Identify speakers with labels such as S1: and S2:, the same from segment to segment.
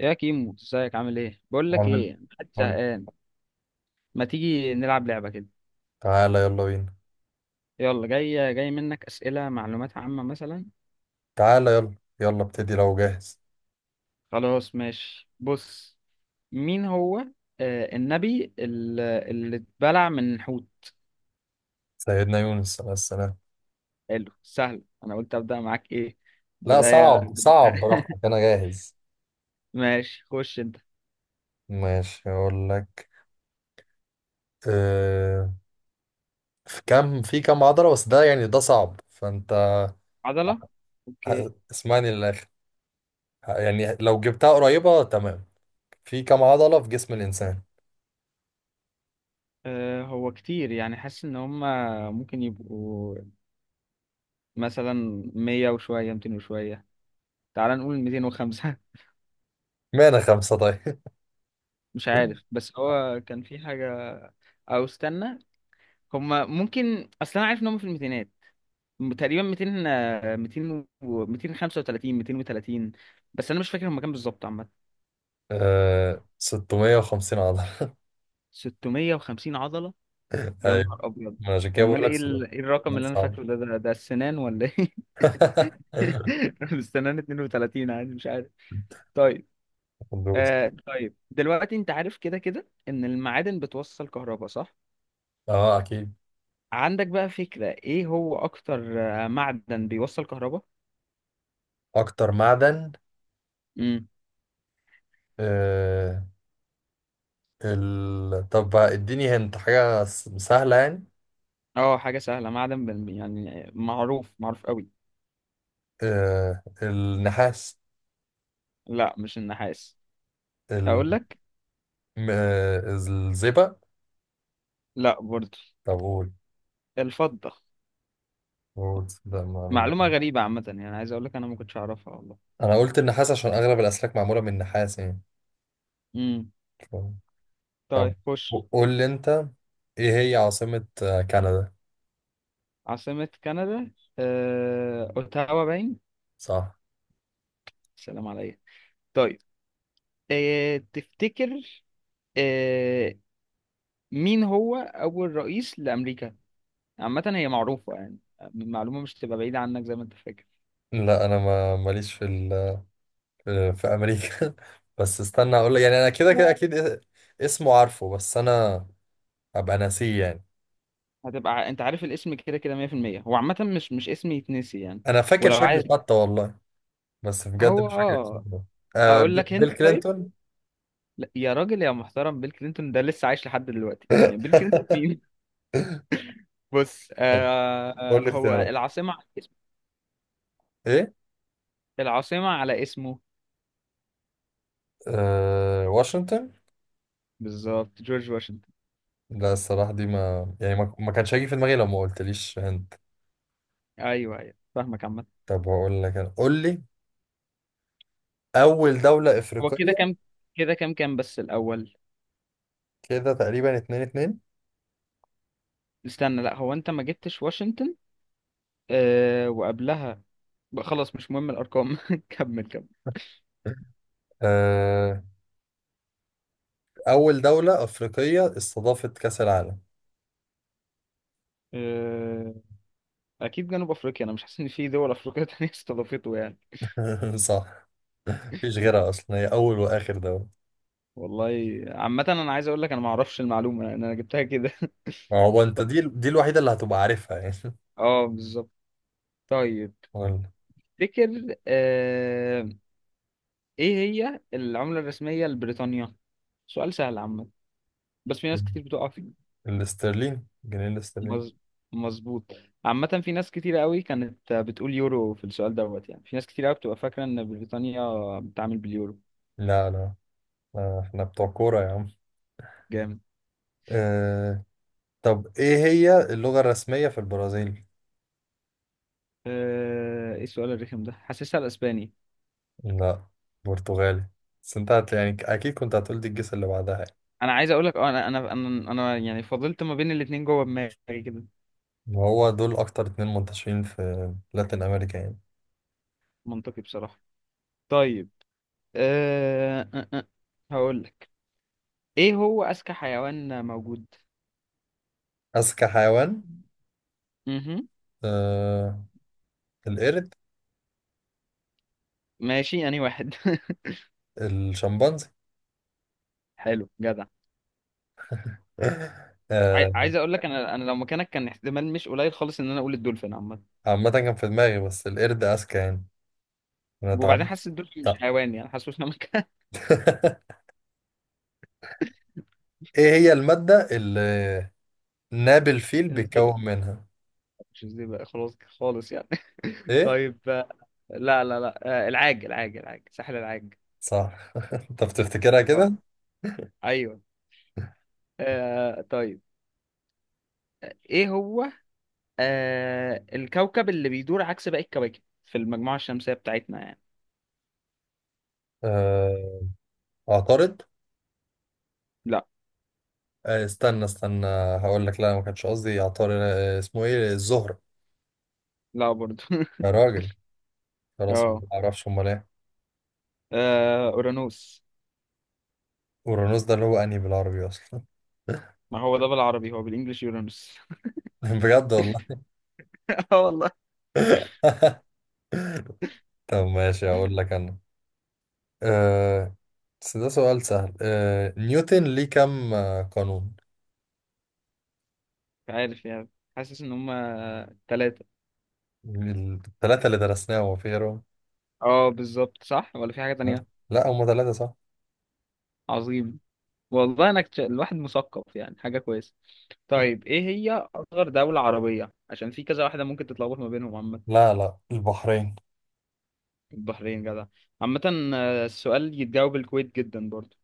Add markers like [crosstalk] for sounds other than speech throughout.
S1: يا كيمو، ازيك عامل ايه؟ بقول لك
S2: عامل.
S1: ايه، محدش
S2: قول.
S1: زهقان؟ ما تيجي نلعب لعبه كده؟
S2: تعالى يلا بينا.
S1: يلا، جاي جاي منك اسئله معلومات عامه مثلا.
S2: تعالى يلا. يلا ابتدي لو جاهز.
S1: خلاص ماشي، بص. مين هو النبي اللي اتبلع من الحوت؟
S2: سيدنا يونس عليه السلام.
S1: حلو، سهل. انا قلت ابدا معاك ايه،
S2: لا،
S1: بدايه؟
S2: صعب صعب، براحتك، انا جاهز.
S1: ماشي، خش انت.
S2: ماشي، اقول لك. أه... في كام عضلة، بس ده يعني ده صعب، فانت
S1: عضله. اوكي.
S2: اسمعني للاخر. يعني لو جبتها قريبة تمام. في كام عضلة في جسم الانسان؟
S1: هو كتير يعني، حاسس ان هما ممكن يبقوا مثلا 100 وشويه، 200 وشويه. تعال نقول 205.
S2: مانا خمسة طيب.
S1: مش عارف، بس هو كان في حاجة. أو استنى، هما ممكن. أصل أنا عارف إن هما في الميتينات. تقريبا 200، 200 و 235، 230. بس أنا مش فاكر هما كام بالظبط، عامة.
S2: [laughs] 650 عضلة.
S1: 650 عضلة؟
S2: [laughs]
S1: يا
S2: ايوه.
S1: نهار أبيض.
S2: ما أنا عشان كده بقول
S1: أمال
S2: لك
S1: إيه
S2: صعب.
S1: إيه الرقم اللي أنا
S2: صعب.
S1: فاكره ده السنان ولا إيه؟ [laughs] السنان 32 عادي، مش عارف. طيب.
S2: [laughs] دوس.
S1: آه طيب، دلوقتي أنت عارف كده كده إن المعادن بتوصل كهرباء، صح؟
S2: اه اكيد.
S1: عندك بقى فكرة إيه هو أكتر معدن بيوصل كهرباء؟
S2: اكتر معدن.
S1: امم.
S2: آه طب بقى اديني هنت حاجة سهلة يعني.
S1: اه، حاجة سهلة. معدن يعني معروف معروف قوي.
S2: النحاس.
S1: لا، مش النحاس.
S2: ال...
S1: اقول لك.
S2: الزئبق.
S1: لا برضه.
S2: طب قول.
S1: الفضة.
S2: قول ده معلومة.
S1: معلومة غريبة عامة، يعني عايز اقول لك انا ما كنتش اعرفها والله.
S2: انا قلت النحاس عشان اغلب الاسلاك معمولة من النحاس يعني.
S1: امم.
S2: ف- طب
S1: طيب خش.
S2: قول لي انت. ايه هي عاصمة كندا؟
S1: عاصمة كندا. اوتاوا باين.
S2: صح.
S1: سلام عليك. طيب. تفتكر آه... مين هو اول رئيس لامريكا؟ عامة هي معروفة يعني، معلومة مش تبقى بعيدة عنك زي ما انت فاكر.
S2: لا، انا ما ماليش في في امريكا. [laughs] بس استنى اقول لك، يعني انا كده كده اكيد اسمه عارفه، بس انا ابقى ناسيه يعني.
S1: هتبقى انت عارف الاسم كده كده 100%. هو عامة مش اسم يتنسي يعني.
S2: انا فاكر
S1: ولو
S2: شكله
S1: عايز.
S2: حتى. [laughs] والله بس بجد
S1: هو
S2: مش فاكر اسمه. آه
S1: اقول لك
S2: ب- بيل
S1: انت، طيب.
S2: كلينتون.
S1: لا يا راجل يا محترم، بيل كلينتون ده لسه عايش لحد دلوقتي يعني. بيل كلينتون
S2: [laughs]
S1: مين؟ [laughs] بص،
S2: طب قول لي
S1: هو
S2: اختيارات
S1: العاصمة على اسمه.
S2: ايه.
S1: العاصمة على اسمه.
S2: واشنطن.
S1: بالظبط، جورج واشنطن.
S2: لا، الصراحه دي ما يعني، ما كانش هيجي في دماغي لو ما قلتليش هند.
S1: ايوه ايوه، فاهمك عامة.
S2: طب هقول لك انا، قول لي، اول دوله
S1: هو كده
S2: افريقيه.
S1: كام؟ كده كام بس الاول.
S2: كده تقريبا اتنين اتنين.
S1: استنى، لا هو انت ما جبتش واشنطن. آه، وقبلها بقى، خلاص مش مهم الارقام. [laughs] كمل.
S2: آه اول دوله افريقيه استضافت كاس العالم.
S1: كمل. اكيد جنوب افريقيا، انا مش حاسس ان في دول افريقيه تانية [laughs] استضافته يعني.
S2: [laughs] صح. مفيش غيرها اصلا، هي اول واخر دوله.
S1: والله عامه، انا عايز اقول لك انا ما اعرفش المعلومه، لان انا جبتها كده.
S2: ما
S1: [laughs]
S2: هو انت دي الوحيده اللي هتبقى عارفها يعني.
S1: اه بالظبط. طيب،
S2: ولا
S1: تفتكر ايه هي العمله الرسميه لبريطانيا؟ سؤال سهل عامه، بس في ناس كتير بتقع فيه.
S2: الاسترليني، جنيه الاسترليني.
S1: مظ- مظبوط. عامه في ناس كتير قوي كانت بتقول يورو في السؤال دوت، يعني في ناس كتير قوي بتبقى فاكره ان بريطانيا بتتعامل باليورو.
S2: لا لا، احنا بتوع كورة يا عم.
S1: جامد.
S2: آه. طب ايه هي اللغة الرسمية في البرازيل؟
S1: ايه السؤال الرخم ده، حاسسها الاسباني.
S2: لا، برتغالي. بس انت يعني اكيد كنت هتقول دي الجيس اللي بعدها يعني.
S1: انا عايز اقول لك، انا انا انا أنا يعني فضلت ما بين الاتنين جوه دماغي كده.
S2: وهو دول اكتر اتنين منتشرين في لاتين امريكا يعني.
S1: منطقي بصراحة. طيب. أه... أه... أه. هقول لك ايه هو اذكى حيوان موجود.
S2: اذكى حيوان.
S1: امم.
S2: آه. القرد.
S1: ماشي، انهي واحد؟
S2: الشمبانزي.
S1: [laughs] حلو جدع.
S2: [laughs] آه.
S1: عايز اقول لك انا لو مكانك كان احتمال مش قليل خالص ان انا اقول الدولفين عامة.
S2: عامة كان في دماغي، بس القرد اذكى يعني. انا
S1: وبعدين
S2: اتعاملت.
S1: حاسس الدولفين مش حيوان يعني، حاسس ان أنا مكان.
S2: [laughs] ايه هي المادة اللي نابل فيل
S1: [laughs] الزيبق.
S2: بيتكون منها؟
S1: مش الزيبق، خلاص خالص يعني. [laughs]
S2: ايه.
S1: طيب لا لا لا، العاج العاج العاج، ساحل العاج.
S2: صح. [laughs] انت بتفتكرها
S1: اه
S2: كده.
S1: ايوه. آه طيب. ايه هو الكوكب اللي بيدور عكس باقي الكواكب في المجموعة الشمسية بتاعتنا يعني؟
S2: آه، اعترض.
S1: لا.
S2: استنى استنى هقول لك. لا ما كانش قصدي اعترض. اسمه ايه؟ الزهرة؟
S1: لا برضو. [laughs]
S2: يا راجل، خلاص ما
S1: اه.
S2: اعرفش. امال ايه؟
S1: اورانوس.
S2: اورانوس ده اللي هو انهي بالعربي اصلا.
S1: ما هو ده بالعربي، هو بالانجلش يورانوس.
S2: [laughs] بجد والله.
S1: [laughs] اه والله.
S2: [laughs] طب ماشي،
S1: مش
S2: هقول لك انا. آه، بس ده سؤال سهل. نيوتن ليه كم قانون؟
S1: عارف يعني، حاسس ان هما ثلاثة.
S2: الثلاثة اللي درسناهم، ما في غيرهم.
S1: اه بالظبط، صح. ولا في حاجة
S2: ها؟
S1: تانية؟
S2: لا، هم ثلاثة صح.
S1: عظيم. والله انا الواحد مثقف، يعني حاجة كويسة.
S2: [laughs]
S1: طيب ايه هي اصغر دولة عربية عشان في كذا واحدة ممكن تتلخبط ما بينهم، عامة؟
S2: لا لا، البحرين.
S1: البحرين جدع. عامة السؤال يتجاوب الكويت جدا برضو.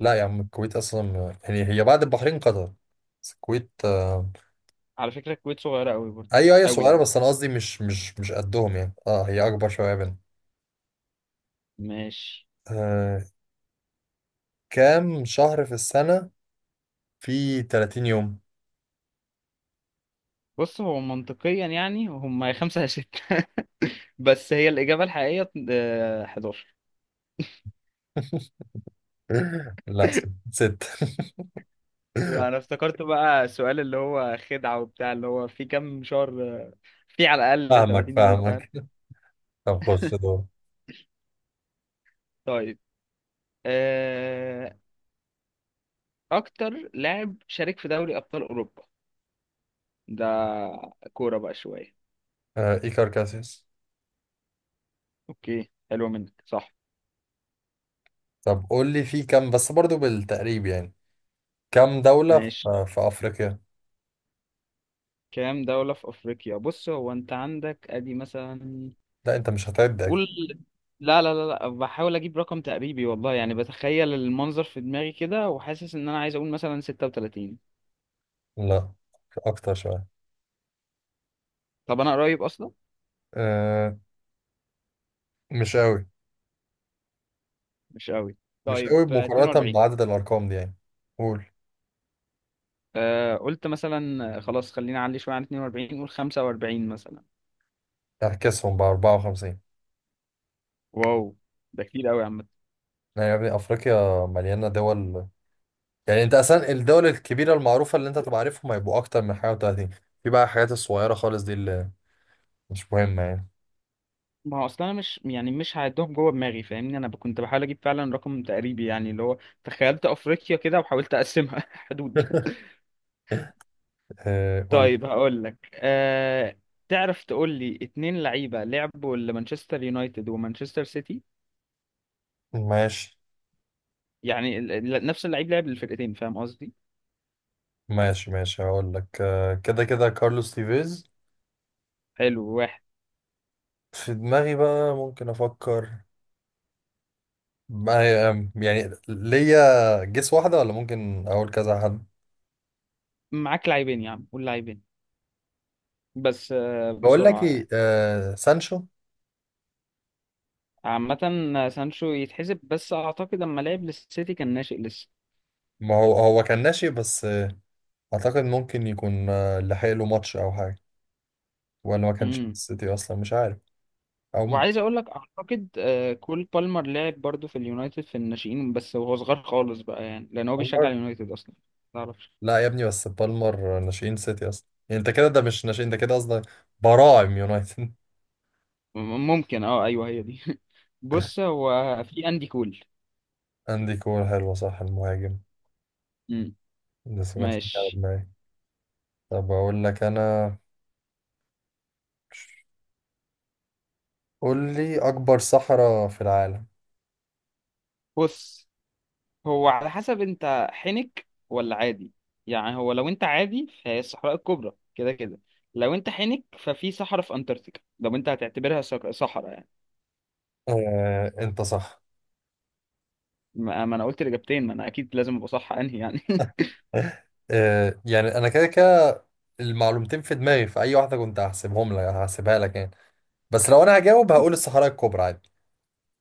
S2: لا يا عم، الكويت اصلا يعني هي بعد البحرين، قطر. بس الكويت،
S1: على فكرة الكويت صغيرة أوي برضه.
S2: ايوه، هي
S1: أوي
S2: صغيره،
S1: يعني.
S2: بس انا قصدي، مش مش قدهم يعني. اه هي اكبر شويه بينا.
S1: ماشي.
S2: آه. كام شهر في السنه في 30 يوم؟
S1: بص هو منطقيا يعني هم [laughs] يا خمسة يا ستة. [laughs] بس هي الإجابة الحقيقية 11.
S2: [laughs] لا. ست.
S1: أنا
S2: [laughs]
S1: افتكرت بقى السؤال اللي هو خدعة وبتاع، اللي هو في كام شهر في على الأقل
S2: فاهمك
S1: 30 يوم، فاهم.
S2: فاهمك. طب خش دور.
S1: طيب آه، أكتر لاعب شارك في دوري أبطال أوروبا. ده كورة بقى شوية.
S2: ايكار كاسيوس.
S1: أوكي، حلوة منك، صح.
S2: طب قول لي في كام، بس برضو بالتقريب يعني. كام دولة
S1: ماشي.
S2: في أفريقيا؟
S1: كام دولة في أفريقيا؟ بص هو أنت عندك أدي مثلا.
S2: لا، أنت مش هتعد أكيد.
S1: قول. لا لا لا لا، بحاول اجيب رقم تقريبي والله. يعني بتخيل المنظر في دماغي كده، وحاسس ان انا عايز اقول مثلا 36.
S2: لا، أكتر شوية.
S1: طب انا قريب اصلا.
S2: آه، مش قوي.
S1: مش قوي؟
S2: مش
S1: طيب
S2: قوي مقارنة
S1: 42.
S2: بعدد الأرقام دي يعني. قول.
S1: قلت مثلا، خلاص خلينا اعلي شويه عن 42، قول 45 مثلا.
S2: اعكسهم، ب 54.
S1: واو، ده كتير قوي يا عم.
S2: يعني يا ابني، أفريقيا مليانة دول. يعني أنت أصلا الدول الكبيرة المعروفة اللي أنت تبقى عارفهم هيبقوا أكتر من حاجة و30. في بقى الحاجات الصغيرة خالص دي اللي مش مهمة يعني.
S1: ما هو اصلا انا مش يعني مش هعدهم جوه دماغي فاهمني، انا كنت بحاول اجيب فعلا رقم تقريبي يعني اللي هو، تخيلت افريقيا كده وحاولت اقسمها [laughs] حدود.
S2: [laughs] قول.
S1: طيب هقول لك تعرف تقول لي اتنين لعيبة لعبوا لمانشستر يونايتد ومانشستر سيتي؟
S2: ماشي،
S1: يعني نفس اللعيب لعب للفرقتين، فاهم قصدي؟
S2: ماشي، ماشي هقول لك كده كده كارلوس تيفيز.
S1: حلو، واحد.
S2: في دماغي بقى ممكن أفكر. يعني ليا جيس واحدة، ولا ممكن أقول كذا حد.
S1: معاك لاعبين يا عم، قول لاعبين، بس
S2: بقول لك
S1: بسرعة
S2: إيه،
S1: يعني.
S2: سانشو.
S1: عامة سانشو يتحسب، بس أعتقد أما لعب للسيتي كان ناشئ لسه.
S2: ما هو هو كان ناشئ بس، اعتقد ممكن يكون لحق له ماتش او حاجه. ولا ما كانش في
S1: امم.
S2: السيتي اصلا، مش عارف. او
S1: وعايز أقول لك أعتقد كول بالمر لعب برضو في اليونايتد في الناشئين بس، وهو صغير خالص بقى يعني، لأن هو بيشجع
S2: بالمر.
S1: اليونايتد أصلا. تعرف.
S2: لا يا ابني، بس بالمر ناشئين سيتي اصلا، يعني انت كده ده مش ناشئين، ده كده قصدك براعم يونايتد.
S1: م- ممكن، اه ايوه هي دي. [laughs] بص
S2: [laughs]
S1: هو في اندي كول.
S2: عندي كورة حلوة صح، المهاجم.
S1: امم.
S2: بس ما كانش بيجي على
S1: ماشي.
S2: دماغي. طب اقول لك انا، قول لي، اكبر صحراء في العالم.
S1: بص هو على حسب انت حنك ولا عادي. يعني هو لو انت عادي فهي الصحراء الكبرى كده كده. لو انت حنك ففي صحراء في انتاركتيكا، لو انت هتعتبرها صحراء يعني.
S2: انت صح.
S1: ما انا قلت الاجابتين، ما انا اكيد لازم ابقى صح انهي يعني.
S2: [laughs] يعني انا كده كده المعلومتين في دماغي، في اي واحده كنت هحسبهم لك، هحسبها لك يعني. بس لو انا هجاوب، هقول الصحراء الكبرى عادي.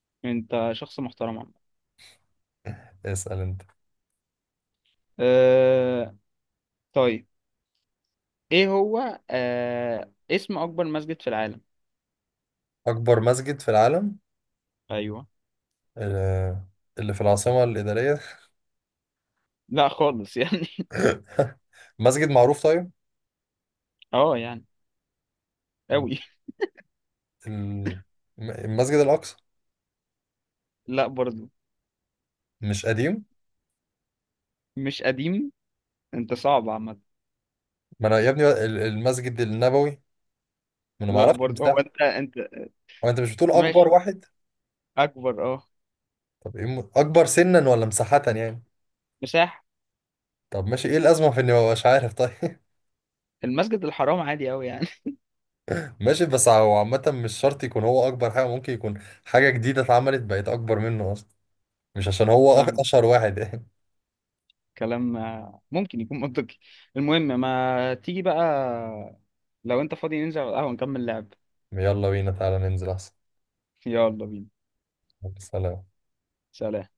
S1: [laughs] انت شخص محترم، عم.
S2: اسأل انت.
S1: أه... طيب، ايه هو اسم اكبر مسجد في العالم؟
S2: اكبر مسجد في العالم.
S1: ايوه.
S2: آه، اللي في العاصمة الإدارية.
S1: لا خالص يعني. [laughs]
S2: [laughs] مسجد معروف طيب.
S1: اه يعني أوي.
S2: ال- المسجد الأقصى.
S1: [laughs] لا برضو.
S2: مش قديم؟
S1: مش قديم. أنت صعب عامة.
S2: ما انا يا ابني المسجد النبوي. ما انا ما
S1: لا
S2: اعرفش
S1: برضو هو
S2: مساحة.
S1: أنت.
S2: هو انت مش بتقول اكبر
S1: ماشي،
S2: واحد؟
S1: أكبر
S2: طب ايه اكبر سنا ولا مساحة يعني؟
S1: مساحة.
S2: طب ماشي. ايه الأزمة في اني ما ببقاش عارف طيب؟
S1: المسجد الحرام، عادي أوي يعني.
S2: [laughs] ماشي، بس هو عامة مش شرط يكون هو اكبر حاجة، ممكن يكون حاجة جديدة اتعملت، بقت اكبر منه اصلا. مش عشان
S1: [laughs]
S2: هو
S1: فاهمة
S2: اشهر واحد. [laughs]
S1: كلام، ممكن يكون منطقي. المهم ما تيجي بقى، لو أنت فاضي ننزل على القهوة نكمل لعب.
S2: يلا بينا، تعالى ننزل احسن.
S1: يلا بينا.
S2: سلام.
S1: سلام.